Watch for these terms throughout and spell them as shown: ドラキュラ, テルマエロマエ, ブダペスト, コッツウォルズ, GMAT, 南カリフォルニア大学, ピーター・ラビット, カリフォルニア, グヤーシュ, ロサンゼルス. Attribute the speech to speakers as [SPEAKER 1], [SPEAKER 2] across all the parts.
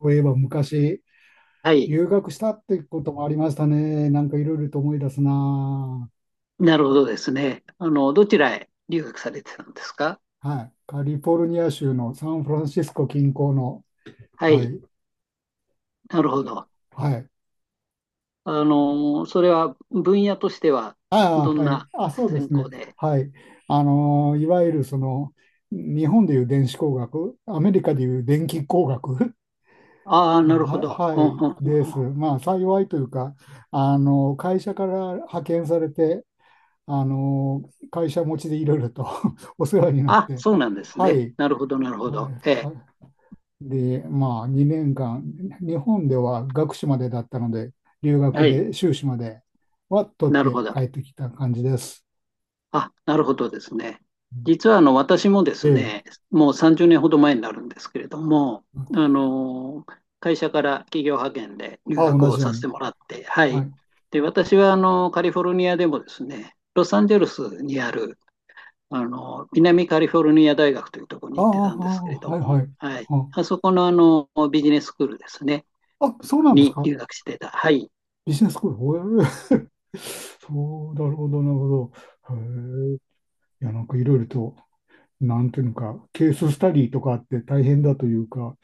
[SPEAKER 1] そういえば昔、
[SPEAKER 2] はい。
[SPEAKER 1] 留学したってこともありましたね。なんかいろいろと思い出すな
[SPEAKER 2] なるほどですね。どちらへ留学されてたんですか？
[SPEAKER 1] あ。はい。カリフォルニア州のサンフランシスコ近郊の、
[SPEAKER 2] は
[SPEAKER 1] は
[SPEAKER 2] い。
[SPEAKER 1] い。
[SPEAKER 2] なるほど。
[SPEAKER 1] はい。
[SPEAKER 2] それは分野としては
[SPEAKER 1] あ
[SPEAKER 2] ど
[SPEAKER 1] あ、
[SPEAKER 2] ん
[SPEAKER 1] はい。
[SPEAKER 2] な
[SPEAKER 1] あ、そうで
[SPEAKER 2] 専
[SPEAKER 1] すね。
[SPEAKER 2] 攻で？
[SPEAKER 1] はい。いわゆる日本でいう電子工学、アメリカでいう電気工学。
[SPEAKER 2] ああ、 なるほど。う
[SPEAKER 1] は
[SPEAKER 2] んうん
[SPEAKER 1] い、
[SPEAKER 2] うんうん。
[SPEAKER 1] です。まあ、幸いというか、会社から派遣されて、あの、会社持ちでいろいろと お世話になっ
[SPEAKER 2] あ、
[SPEAKER 1] て、
[SPEAKER 2] そうなんです
[SPEAKER 1] は
[SPEAKER 2] ね。
[SPEAKER 1] い、
[SPEAKER 2] なるほど、なるほ
[SPEAKER 1] はい、
[SPEAKER 2] ど。ええ、
[SPEAKER 1] はで、まあ、2年間、日本では学士までだったので、留学
[SPEAKER 2] はい。
[SPEAKER 1] で修士までは取っ
[SPEAKER 2] なる
[SPEAKER 1] て
[SPEAKER 2] ほど。
[SPEAKER 1] 帰ってきた感じです。
[SPEAKER 2] あ、なるほどですね。実は私もで
[SPEAKER 1] え
[SPEAKER 2] す
[SPEAKER 1] え。
[SPEAKER 2] ね、もう30年ほど前になるんですけれども、あの会社から企業派遣で留
[SPEAKER 1] あ、
[SPEAKER 2] 学
[SPEAKER 1] 同
[SPEAKER 2] を
[SPEAKER 1] じよう
[SPEAKER 2] させ
[SPEAKER 1] に。
[SPEAKER 2] てもらって、は
[SPEAKER 1] は
[SPEAKER 2] い。
[SPEAKER 1] い。
[SPEAKER 2] で、私はカリフォルニアでもですね、ロサンゼルスにある南カリフォルニア大学というところに
[SPEAKER 1] ああ、
[SPEAKER 2] 行ってたんですけれ
[SPEAKER 1] あ、
[SPEAKER 2] ど
[SPEAKER 1] はい
[SPEAKER 2] も、
[SPEAKER 1] はい。
[SPEAKER 2] はい。
[SPEAKER 1] あ、
[SPEAKER 2] あそこのビジネススクールですね、
[SPEAKER 1] あ、そうなんです
[SPEAKER 2] に
[SPEAKER 1] か。
[SPEAKER 2] 留学してた。はい。
[SPEAKER 1] ビジネススクール。へえ。 そう、なるほど、なるほど。へえ。いや、なんかいろいろと、なんていうのか、ケーススタディとかあって大変だというか、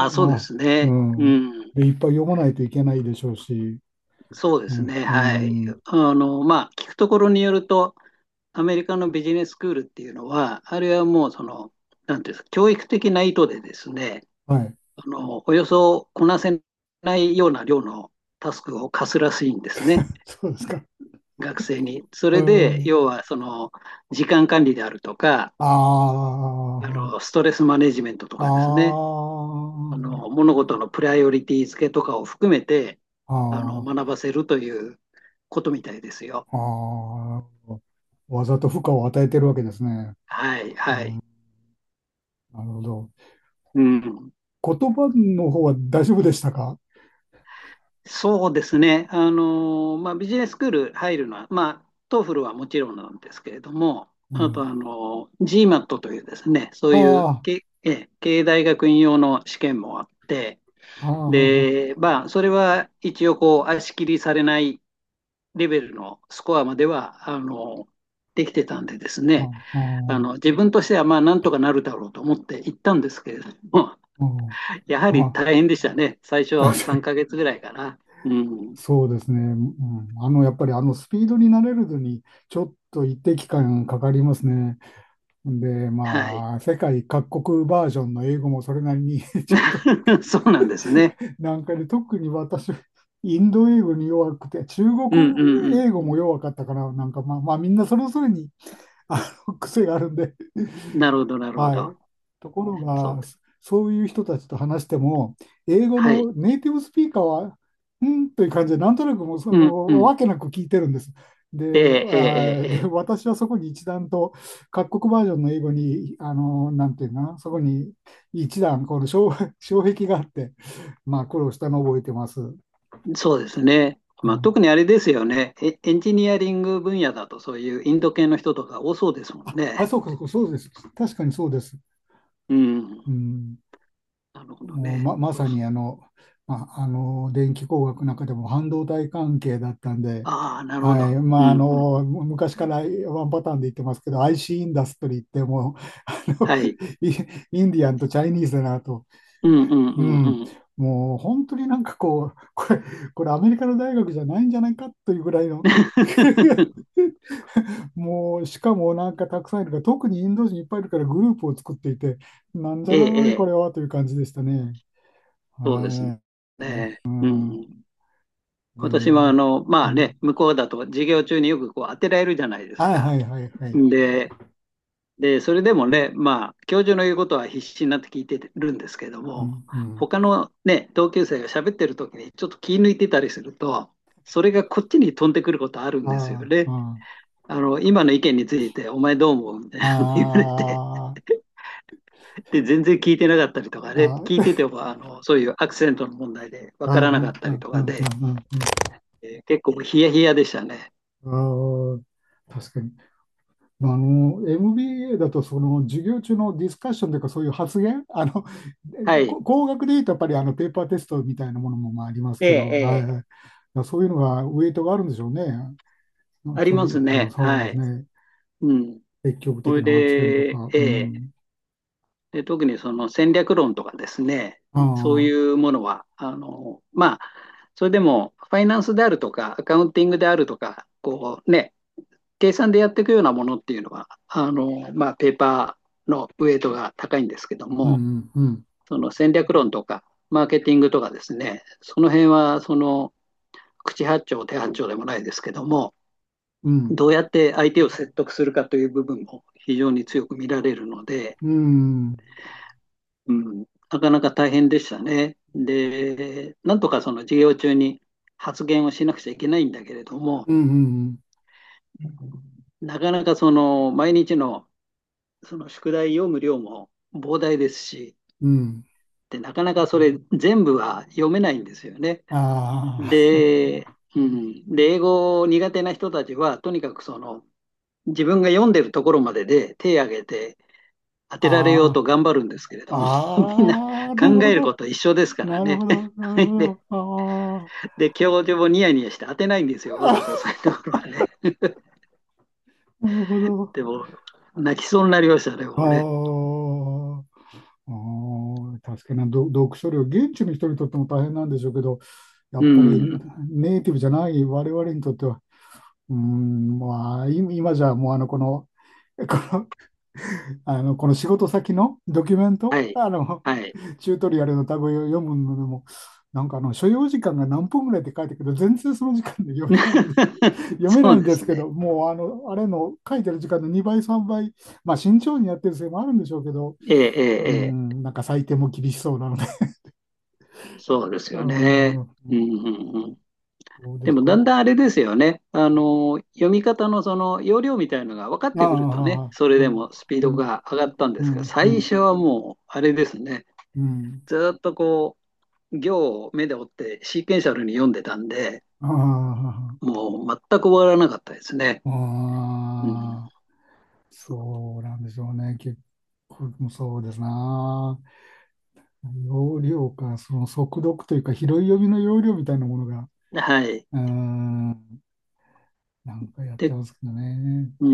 [SPEAKER 1] い
[SPEAKER 2] あ、そうで
[SPEAKER 1] や、
[SPEAKER 2] す
[SPEAKER 1] う
[SPEAKER 2] ね。う
[SPEAKER 1] ん。
[SPEAKER 2] ん。
[SPEAKER 1] で、いっぱい読まないといけないでしょうし、
[SPEAKER 2] そうで
[SPEAKER 1] うん、
[SPEAKER 2] すね、
[SPEAKER 1] う
[SPEAKER 2] はい。
[SPEAKER 1] ん、
[SPEAKER 2] まあ、聞くところによると、アメリカのビジネススクールっていうのは、あれはもう、なんていうんですか、教育的な意図でですね、
[SPEAKER 1] はい、
[SPEAKER 2] およそこなせないような量のタスクを課すらしいんですね、
[SPEAKER 1] そうですか。
[SPEAKER 2] 学生に。そ
[SPEAKER 1] う
[SPEAKER 2] れで、
[SPEAKER 1] ん、
[SPEAKER 2] 要は、時間管理であるとか、
[SPEAKER 1] あ
[SPEAKER 2] ストレスマネジメントと
[SPEAKER 1] あ、あ
[SPEAKER 2] かですね、
[SPEAKER 1] あ、
[SPEAKER 2] 物事のプライオリティ付けとかを含めて、
[SPEAKER 1] あ
[SPEAKER 2] 学ばせるということみたいですよ。
[SPEAKER 1] あ、ああ、わざと負荷を与えてるわけですね。
[SPEAKER 2] はい、
[SPEAKER 1] う
[SPEAKER 2] はい。
[SPEAKER 1] ん、なるほど。
[SPEAKER 2] うん、
[SPEAKER 1] 言葉の方は大丈夫でしたか。
[SPEAKER 2] そうですね。まあ、ビジネススクール入るのは、まあ、トーフルはもちろんなんですけれども、
[SPEAKER 1] う
[SPEAKER 2] あと、
[SPEAKER 1] ん。
[SPEAKER 2] GMAT というですね、そう
[SPEAKER 1] あ
[SPEAKER 2] いう
[SPEAKER 1] あ、
[SPEAKER 2] け、ええ、経営大学院用の試験もあって、
[SPEAKER 1] ああ、ああ、
[SPEAKER 2] で、まあ、それは一応、こう、足切りされないレベルのスコアまでは、できてたんでですね、
[SPEAKER 1] あ
[SPEAKER 2] 自分としては、まあ、なんとかなるだろうと思って行ったんですけれども、
[SPEAKER 1] あ、
[SPEAKER 2] やは
[SPEAKER 1] あ
[SPEAKER 2] り
[SPEAKER 1] あ、
[SPEAKER 2] 大変でしたね。最初
[SPEAKER 1] 確か
[SPEAKER 2] 3
[SPEAKER 1] に
[SPEAKER 2] ヶ月ぐらいかな。うん。
[SPEAKER 1] そうですね。うん、あの、やっぱりスピードに慣れるのに、ちょっと一定期間かかりますね。で、
[SPEAKER 2] はい。
[SPEAKER 1] まあ、世界各国バージョンの英語もそれなりに ちょっと
[SPEAKER 2] そうなんですね。
[SPEAKER 1] で、特に私、インド英語に弱くて、中国
[SPEAKER 2] うんうん
[SPEAKER 1] 英語
[SPEAKER 2] うん。
[SPEAKER 1] も弱かったから、まあ、まあ、みんなそれぞれにあ癖があるんで、
[SPEAKER 2] なるほど、なるほ
[SPEAKER 1] は
[SPEAKER 2] ど。
[SPEAKER 1] い。ところ
[SPEAKER 2] そう。
[SPEAKER 1] が、そういう人たちと話しても、英語
[SPEAKER 2] はい。
[SPEAKER 1] のネイティブスピーカーは、うんという感じで、なんとなくもう、
[SPEAKER 2] うんうん。
[SPEAKER 1] わけなく聞いてるんです。で、
[SPEAKER 2] えええええええ
[SPEAKER 1] 私はそこに一段と、各国バージョンの英語に、なんていうのかな、そこに一段、この障、障壁があって、まあ、苦労したのを覚えてます。う
[SPEAKER 2] え、そうですね。まあ、特に
[SPEAKER 1] ん、
[SPEAKER 2] あれですよね。エンジニアリング分野だとそういうインド系の人とか多そうですもん
[SPEAKER 1] あ、
[SPEAKER 2] ね。
[SPEAKER 1] そうか、そうか、そうです。確かにそうです。
[SPEAKER 2] うん。
[SPEAKER 1] うん。
[SPEAKER 2] なるほど
[SPEAKER 1] もう
[SPEAKER 2] ね。
[SPEAKER 1] ま、ま
[SPEAKER 2] そ
[SPEAKER 1] さ
[SPEAKER 2] うそ
[SPEAKER 1] に
[SPEAKER 2] う。
[SPEAKER 1] まあ、あの電気工学の中でも半導体関係だったんで、
[SPEAKER 2] ああ、なるほ
[SPEAKER 1] はい。
[SPEAKER 2] ど。う
[SPEAKER 1] まあ、あ
[SPEAKER 2] んうん。
[SPEAKER 1] のむ昔からワンパターンで言ってますけど、 IC イシーインダストリーってもう、あの
[SPEAKER 2] はい。
[SPEAKER 1] イインディアンとチャイニーズだなと、
[SPEAKER 2] うんうんう
[SPEAKER 1] う
[SPEAKER 2] ん
[SPEAKER 1] ん、
[SPEAKER 2] うん。
[SPEAKER 1] もう本当になんか、これアメリカの大学じゃないんじゃないかというぐらいの。 もうしかもなんかたくさんいるから、特にインド人いっぱいいるからグループを作っていて、なんじゃ
[SPEAKER 2] え
[SPEAKER 1] らな
[SPEAKER 2] え
[SPEAKER 1] いこ
[SPEAKER 2] え
[SPEAKER 1] れ
[SPEAKER 2] え、
[SPEAKER 1] はという感じでしたね。
[SPEAKER 2] そうですね。
[SPEAKER 1] は
[SPEAKER 2] ね
[SPEAKER 1] い。
[SPEAKER 2] え、うん。
[SPEAKER 1] で、
[SPEAKER 2] 私は
[SPEAKER 1] う
[SPEAKER 2] まあ
[SPEAKER 1] ん。
[SPEAKER 2] ね、向こうだと授業中によくこう当てられるじゃないです
[SPEAKER 1] あ、
[SPEAKER 2] か。
[SPEAKER 1] はいはいはい。
[SPEAKER 2] で、で、それでもね、まあ、教授の言うことは必死になって聞いてるんですけど
[SPEAKER 1] う
[SPEAKER 2] も、
[SPEAKER 1] ん、うん。
[SPEAKER 2] 他のね、同級生が喋ってる時にちょっと気抜いてたりすると、それがこっちに飛んでくることあるんですよ
[SPEAKER 1] あ
[SPEAKER 2] ね。
[SPEAKER 1] あ、
[SPEAKER 2] 今の意見について、お前どう思うみたい
[SPEAKER 1] あ
[SPEAKER 2] なの言われて、
[SPEAKER 1] あ、あ
[SPEAKER 2] で、全然聞いてなかったりとかね、
[SPEAKER 1] あ、
[SPEAKER 2] 聞い
[SPEAKER 1] あ
[SPEAKER 2] てても、そういうアクセントの問題でわ
[SPEAKER 1] あ、あ
[SPEAKER 2] からなかっ
[SPEAKER 1] あ、あ
[SPEAKER 2] た
[SPEAKER 1] あ、
[SPEAKER 2] りとか
[SPEAKER 1] あ
[SPEAKER 2] で、
[SPEAKER 1] あ、
[SPEAKER 2] 結構ヒヤヒヤでしたね。
[SPEAKER 1] ああ、確かに。まああの、MBA だと、その、授業中のディスカッションというか、そういう発言、あの、
[SPEAKER 2] はい。
[SPEAKER 1] 工学でいうと、やっぱり、あの、ペーパーテストみたいなものも、まあ、あります
[SPEAKER 2] ええ、
[SPEAKER 1] けど、
[SPEAKER 2] え
[SPEAKER 1] はいは
[SPEAKER 2] え、
[SPEAKER 1] い。だからそういうのが、ウェイトがあるんでしょうね。
[SPEAKER 2] あり
[SPEAKER 1] そう
[SPEAKER 2] ま
[SPEAKER 1] い
[SPEAKER 2] す
[SPEAKER 1] う、あ
[SPEAKER 2] ね。
[SPEAKER 1] そうで
[SPEAKER 2] は
[SPEAKER 1] す
[SPEAKER 2] い。
[SPEAKER 1] ね。
[SPEAKER 2] うん。
[SPEAKER 1] 積極
[SPEAKER 2] そ
[SPEAKER 1] 的
[SPEAKER 2] れ
[SPEAKER 1] な発言と
[SPEAKER 2] で、
[SPEAKER 1] か、
[SPEAKER 2] え
[SPEAKER 1] う
[SPEAKER 2] え、
[SPEAKER 1] ん。
[SPEAKER 2] で、特にその戦略論とかですね、
[SPEAKER 1] あ
[SPEAKER 2] そうい
[SPEAKER 1] あ、
[SPEAKER 2] うものは、まあ、それでも、ファイナンスであるとか、アカウンティングであるとか、こうね、計算でやっていくようなものっていうのは、まあ、ペーパーのウェイトが高いんですけど
[SPEAKER 1] う
[SPEAKER 2] も、
[SPEAKER 1] ん、うん、
[SPEAKER 2] その戦略論とか、マーケティングとかですね、その辺は、口八丁手八丁でもないですけども、
[SPEAKER 1] うん、うん、
[SPEAKER 2] どうやって相手を説得するかという部分も非常に強く見られるので、
[SPEAKER 1] うん、
[SPEAKER 2] うん、なかなか大変でしたね。で、なんとかその授業中に発言をしなくちゃいけないんだけれども、
[SPEAKER 1] うん、
[SPEAKER 2] なかなかその毎日のその宿題読む量も膨大ですし、
[SPEAKER 1] うん、
[SPEAKER 2] でなかなかそれ全部は読めないんですよね。
[SPEAKER 1] あ
[SPEAKER 2] で、うん、で英語苦手な人たちはとにかくその自分が読んでるところまでで手を挙げて当てられようと
[SPEAKER 1] あ、
[SPEAKER 2] 頑張るんですけれど
[SPEAKER 1] あ
[SPEAKER 2] も、みんな
[SPEAKER 1] あ、ああ、
[SPEAKER 2] 考
[SPEAKER 1] なるほ
[SPEAKER 2] えるこ
[SPEAKER 1] ど、
[SPEAKER 2] と一緒ですか
[SPEAKER 1] な
[SPEAKER 2] ら
[SPEAKER 1] る
[SPEAKER 2] ね。
[SPEAKER 1] ほど、なる
[SPEAKER 2] で、
[SPEAKER 1] ほど、あ
[SPEAKER 2] 教授もニヤニヤして当てないんですよ、わざと押さえてこるはね。
[SPEAKER 1] あ、なるほど、
[SPEAKER 2] でも、泣きそうになりましたね、もうね。
[SPEAKER 1] ああ、ああ、確かに。読書量、現地の人にとっても大変なんでしょうけど、や
[SPEAKER 2] う
[SPEAKER 1] っぱり
[SPEAKER 2] ん。
[SPEAKER 1] ネイティブじゃない我々にとっては、うーん、まあ、今じゃもうあの、この、この、あの、この仕事先のドキュメント、
[SPEAKER 2] はい。
[SPEAKER 1] あの、
[SPEAKER 2] はい。
[SPEAKER 1] チュートリアルのタグを読むのでも、なんかあの所要時間が何分ぐらいって書いてるけど、全然その時間で読めないんで、読め
[SPEAKER 2] そ
[SPEAKER 1] な
[SPEAKER 2] う
[SPEAKER 1] いん
[SPEAKER 2] で
[SPEAKER 1] です
[SPEAKER 2] す
[SPEAKER 1] け
[SPEAKER 2] ね。
[SPEAKER 1] ど、もうあの、あれの書いてる時間の2倍、3倍、まあ慎重にやってるせいもあるんでしょうけど、
[SPEAKER 2] ええ、え
[SPEAKER 1] うー
[SPEAKER 2] え、ええ。
[SPEAKER 1] ん、なんか採点も厳しそうなので、
[SPEAKER 2] そうで す
[SPEAKER 1] うー
[SPEAKER 2] よ
[SPEAKER 1] ん、
[SPEAKER 2] ね。うん、
[SPEAKER 1] ん
[SPEAKER 2] うん、うん。
[SPEAKER 1] そうで
[SPEAKER 2] で
[SPEAKER 1] す
[SPEAKER 2] も、
[SPEAKER 1] か。
[SPEAKER 2] だんだんあれですよね。読み方のその要領みたいのが分かっ
[SPEAKER 1] ああ、
[SPEAKER 2] てくるとね、
[SPEAKER 1] ああ、
[SPEAKER 2] それ
[SPEAKER 1] ああ、う
[SPEAKER 2] で
[SPEAKER 1] ん、
[SPEAKER 2] もスピードが
[SPEAKER 1] う
[SPEAKER 2] 上がったんですが、
[SPEAKER 1] ん、う
[SPEAKER 2] 最
[SPEAKER 1] ん、
[SPEAKER 2] 初はもう、あれですね。
[SPEAKER 1] うん、
[SPEAKER 2] ずーっとこう、行を目で追ってシーケンシャルに読んでたんで、
[SPEAKER 1] ああ、
[SPEAKER 2] もう全く終わらなかったですね。うん、
[SPEAKER 1] ああ、そうなんでしょうね。結構、そうですな。容量か、その速読というか、拾い読みの容量みたいなものが、
[SPEAKER 2] はい。
[SPEAKER 1] うーん、なんかやって
[SPEAKER 2] で、
[SPEAKER 1] ますけどね。
[SPEAKER 2] う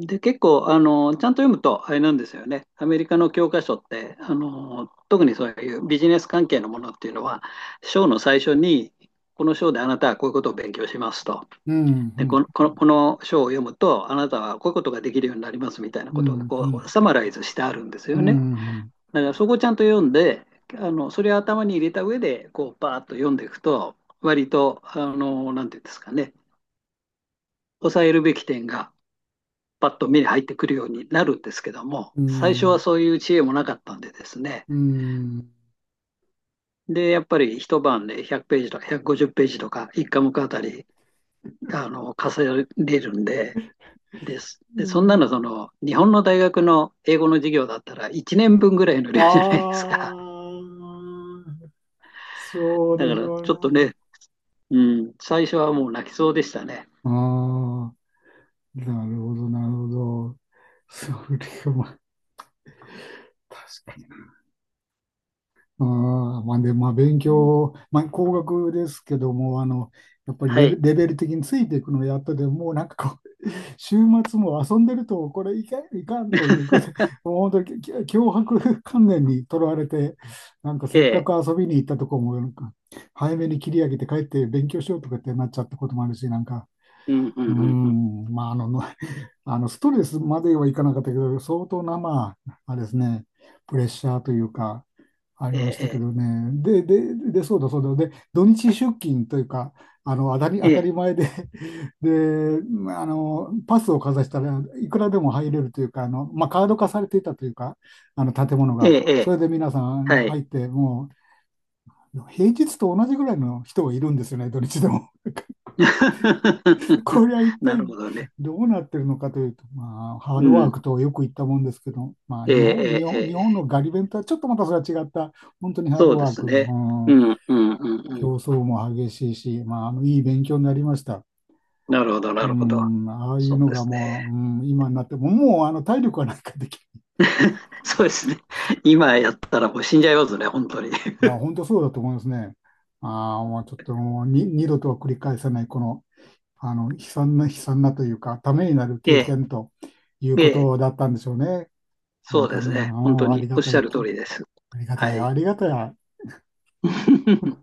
[SPEAKER 2] ん、で、結構、ちゃんと読むと、あれなんですよね。アメリカの教科書って、特にそういうビジネス関係のものっていうのは、章の最初に、この章であなたはこういうことを勉強しますと。
[SPEAKER 1] うん、う
[SPEAKER 2] で、こ
[SPEAKER 1] ん、
[SPEAKER 2] の、この、この章を読むと、あなたはこういうことができるようになりますみたいな
[SPEAKER 1] う
[SPEAKER 2] ことが、
[SPEAKER 1] ん、う
[SPEAKER 2] こう、
[SPEAKER 1] ん、
[SPEAKER 2] サマライズしてあるんです
[SPEAKER 1] う
[SPEAKER 2] よね。
[SPEAKER 1] ん、
[SPEAKER 2] だからそこをちゃんと読んで、それを頭に入れた上で、こう、パーッと読んでいくと、割と、なんていうんですかね、抑えるべき点が、パッと目に入ってくるようになるんですけども、
[SPEAKER 1] う
[SPEAKER 2] 最初は
[SPEAKER 1] ん、
[SPEAKER 2] そういう知恵もなかったんでですね、
[SPEAKER 1] うん、
[SPEAKER 2] で、やっぱり一晩で100ページとか150ページとか、一科目あたり、重ねるんで、です。
[SPEAKER 1] う
[SPEAKER 2] で、そんなの、
[SPEAKER 1] ん、
[SPEAKER 2] 日本の大学の英語の授業だったら、1年分ぐらいの量じゃないです
[SPEAKER 1] あ
[SPEAKER 2] か。
[SPEAKER 1] あ、そう
[SPEAKER 2] だ
[SPEAKER 1] で
[SPEAKER 2] か
[SPEAKER 1] し
[SPEAKER 2] ら、
[SPEAKER 1] ょう
[SPEAKER 2] ちょっと
[SPEAKER 1] ね。
[SPEAKER 2] ね、うん、最初はもう泣きそうでしたね。
[SPEAKER 1] ああ、なるほど、なるほど。それは、まあ確かに。ああ、まあで、まあ勉
[SPEAKER 2] うん、
[SPEAKER 1] 強、まあ工学ですけども、あの、やっぱり
[SPEAKER 2] はい。
[SPEAKER 1] レベル的についていくのをやったでもうなんかこう、週末も遊んでると、これいかん、いかんということで、もう本当に強迫観念にとらわれて、なんか
[SPEAKER 2] え
[SPEAKER 1] せっかく
[SPEAKER 2] え、
[SPEAKER 1] 遊びに行ったとこも、なんか早めに切り上げて帰って勉強しようとかってなっちゃったこともあるし、なんか、
[SPEAKER 2] うん、う
[SPEAKER 1] う
[SPEAKER 2] ん、
[SPEAKER 1] ー
[SPEAKER 2] うん、うん。
[SPEAKER 1] ん、まああの、あのストレスまではいかなかったけど、相当な、まあ、あれですね、プレッシャーというか、あり
[SPEAKER 2] え
[SPEAKER 1] ましたけ
[SPEAKER 2] え、
[SPEAKER 1] どね。で、で、で、そうだそうだ。で、土日出勤というか、あの、
[SPEAKER 2] え
[SPEAKER 1] 当た
[SPEAKER 2] え、
[SPEAKER 1] り前で。 で、まああの、パスをかざしたらいくらでも入れるというか、あの、まあ、カード化されていたというか、あの、建物
[SPEAKER 2] ええ、
[SPEAKER 1] が。
[SPEAKER 2] ええ、え
[SPEAKER 1] そ
[SPEAKER 2] え、
[SPEAKER 1] れで皆さん
[SPEAKER 2] はい。
[SPEAKER 1] 入って、もう、平日と同じぐらいの人がいるんですよね、土日でも。これは 一
[SPEAKER 2] な
[SPEAKER 1] 体
[SPEAKER 2] るほどね。
[SPEAKER 1] どうなってるのかというと、まあ、ハー
[SPEAKER 2] う
[SPEAKER 1] ドワー
[SPEAKER 2] ん、
[SPEAKER 1] クとよく言ったもんですけど、まあ、
[SPEAKER 2] ええ、ええ、
[SPEAKER 1] 日
[SPEAKER 2] え
[SPEAKER 1] 本
[SPEAKER 2] え、
[SPEAKER 1] のガリ弁とはちょっとまたそれは違った、本当にハード
[SPEAKER 2] そうで
[SPEAKER 1] ワー
[SPEAKER 2] す
[SPEAKER 1] ク。う
[SPEAKER 2] ね。う
[SPEAKER 1] ん。
[SPEAKER 2] ん、うん、うん、うん。
[SPEAKER 1] 競争も激しいし、まあ、あの、いい勉強になりました。
[SPEAKER 2] なるほど、
[SPEAKER 1] う
[SPEAKER 2] なるほど。
[SPEAKER 1] ん、ああいう
[SPEAKER 2] そう
[SPEAKER 1] の
[SPEAKER 2] で
[SPEAKER 1] が
[SPEAKER 2] すね。
[SPEAKER 1] もう、うん、今になっても、もう、あの、体力はなんかできる。
[SPEAKER 2] そうですね。今やったらもう死んじゃいますね、本当に。
[SPEAKER 1] いや、本当そうだと思いますね。ああ、もうちょっともうに、二度とは繰り返さない、この、あの、悲惨なというか、ためになる 経
[SPEAKER 2] ええ、
[SPEAKER 1] 験という
[SPEAKER 2] え
[SPEAKER 1] こ
[SPEAKER 2] え、
[SPEAKER 1] とだったんでしょうね。
[SPEAKER 2] そ
[SPEAKER 1] 本
[SPEAKER 2] う
[SPEAKER 1] 当
[SPEAKER 2] です
[SPEAKER 1] に、う
[SPEAKER 2] ね。本当
[SPEAKER 1] ん、あ
[SPEAKER 2] に
[SPEAKER 1] りが
[SPEAKER 2] おっ
[SPEAKER 1] た
[SPEAKER 2] しゃ
[SPEAKER 1] い
[SPEAKER 2] る通
[SPEAKER 1] き、
[SPEAKER 2] りです。
[SPEAKER 1] ありがた
[SPEAKER 2] は
[SPEAKER 1] い、
[SPEAKER 2] い。
[SPEAKER 1] ありがたい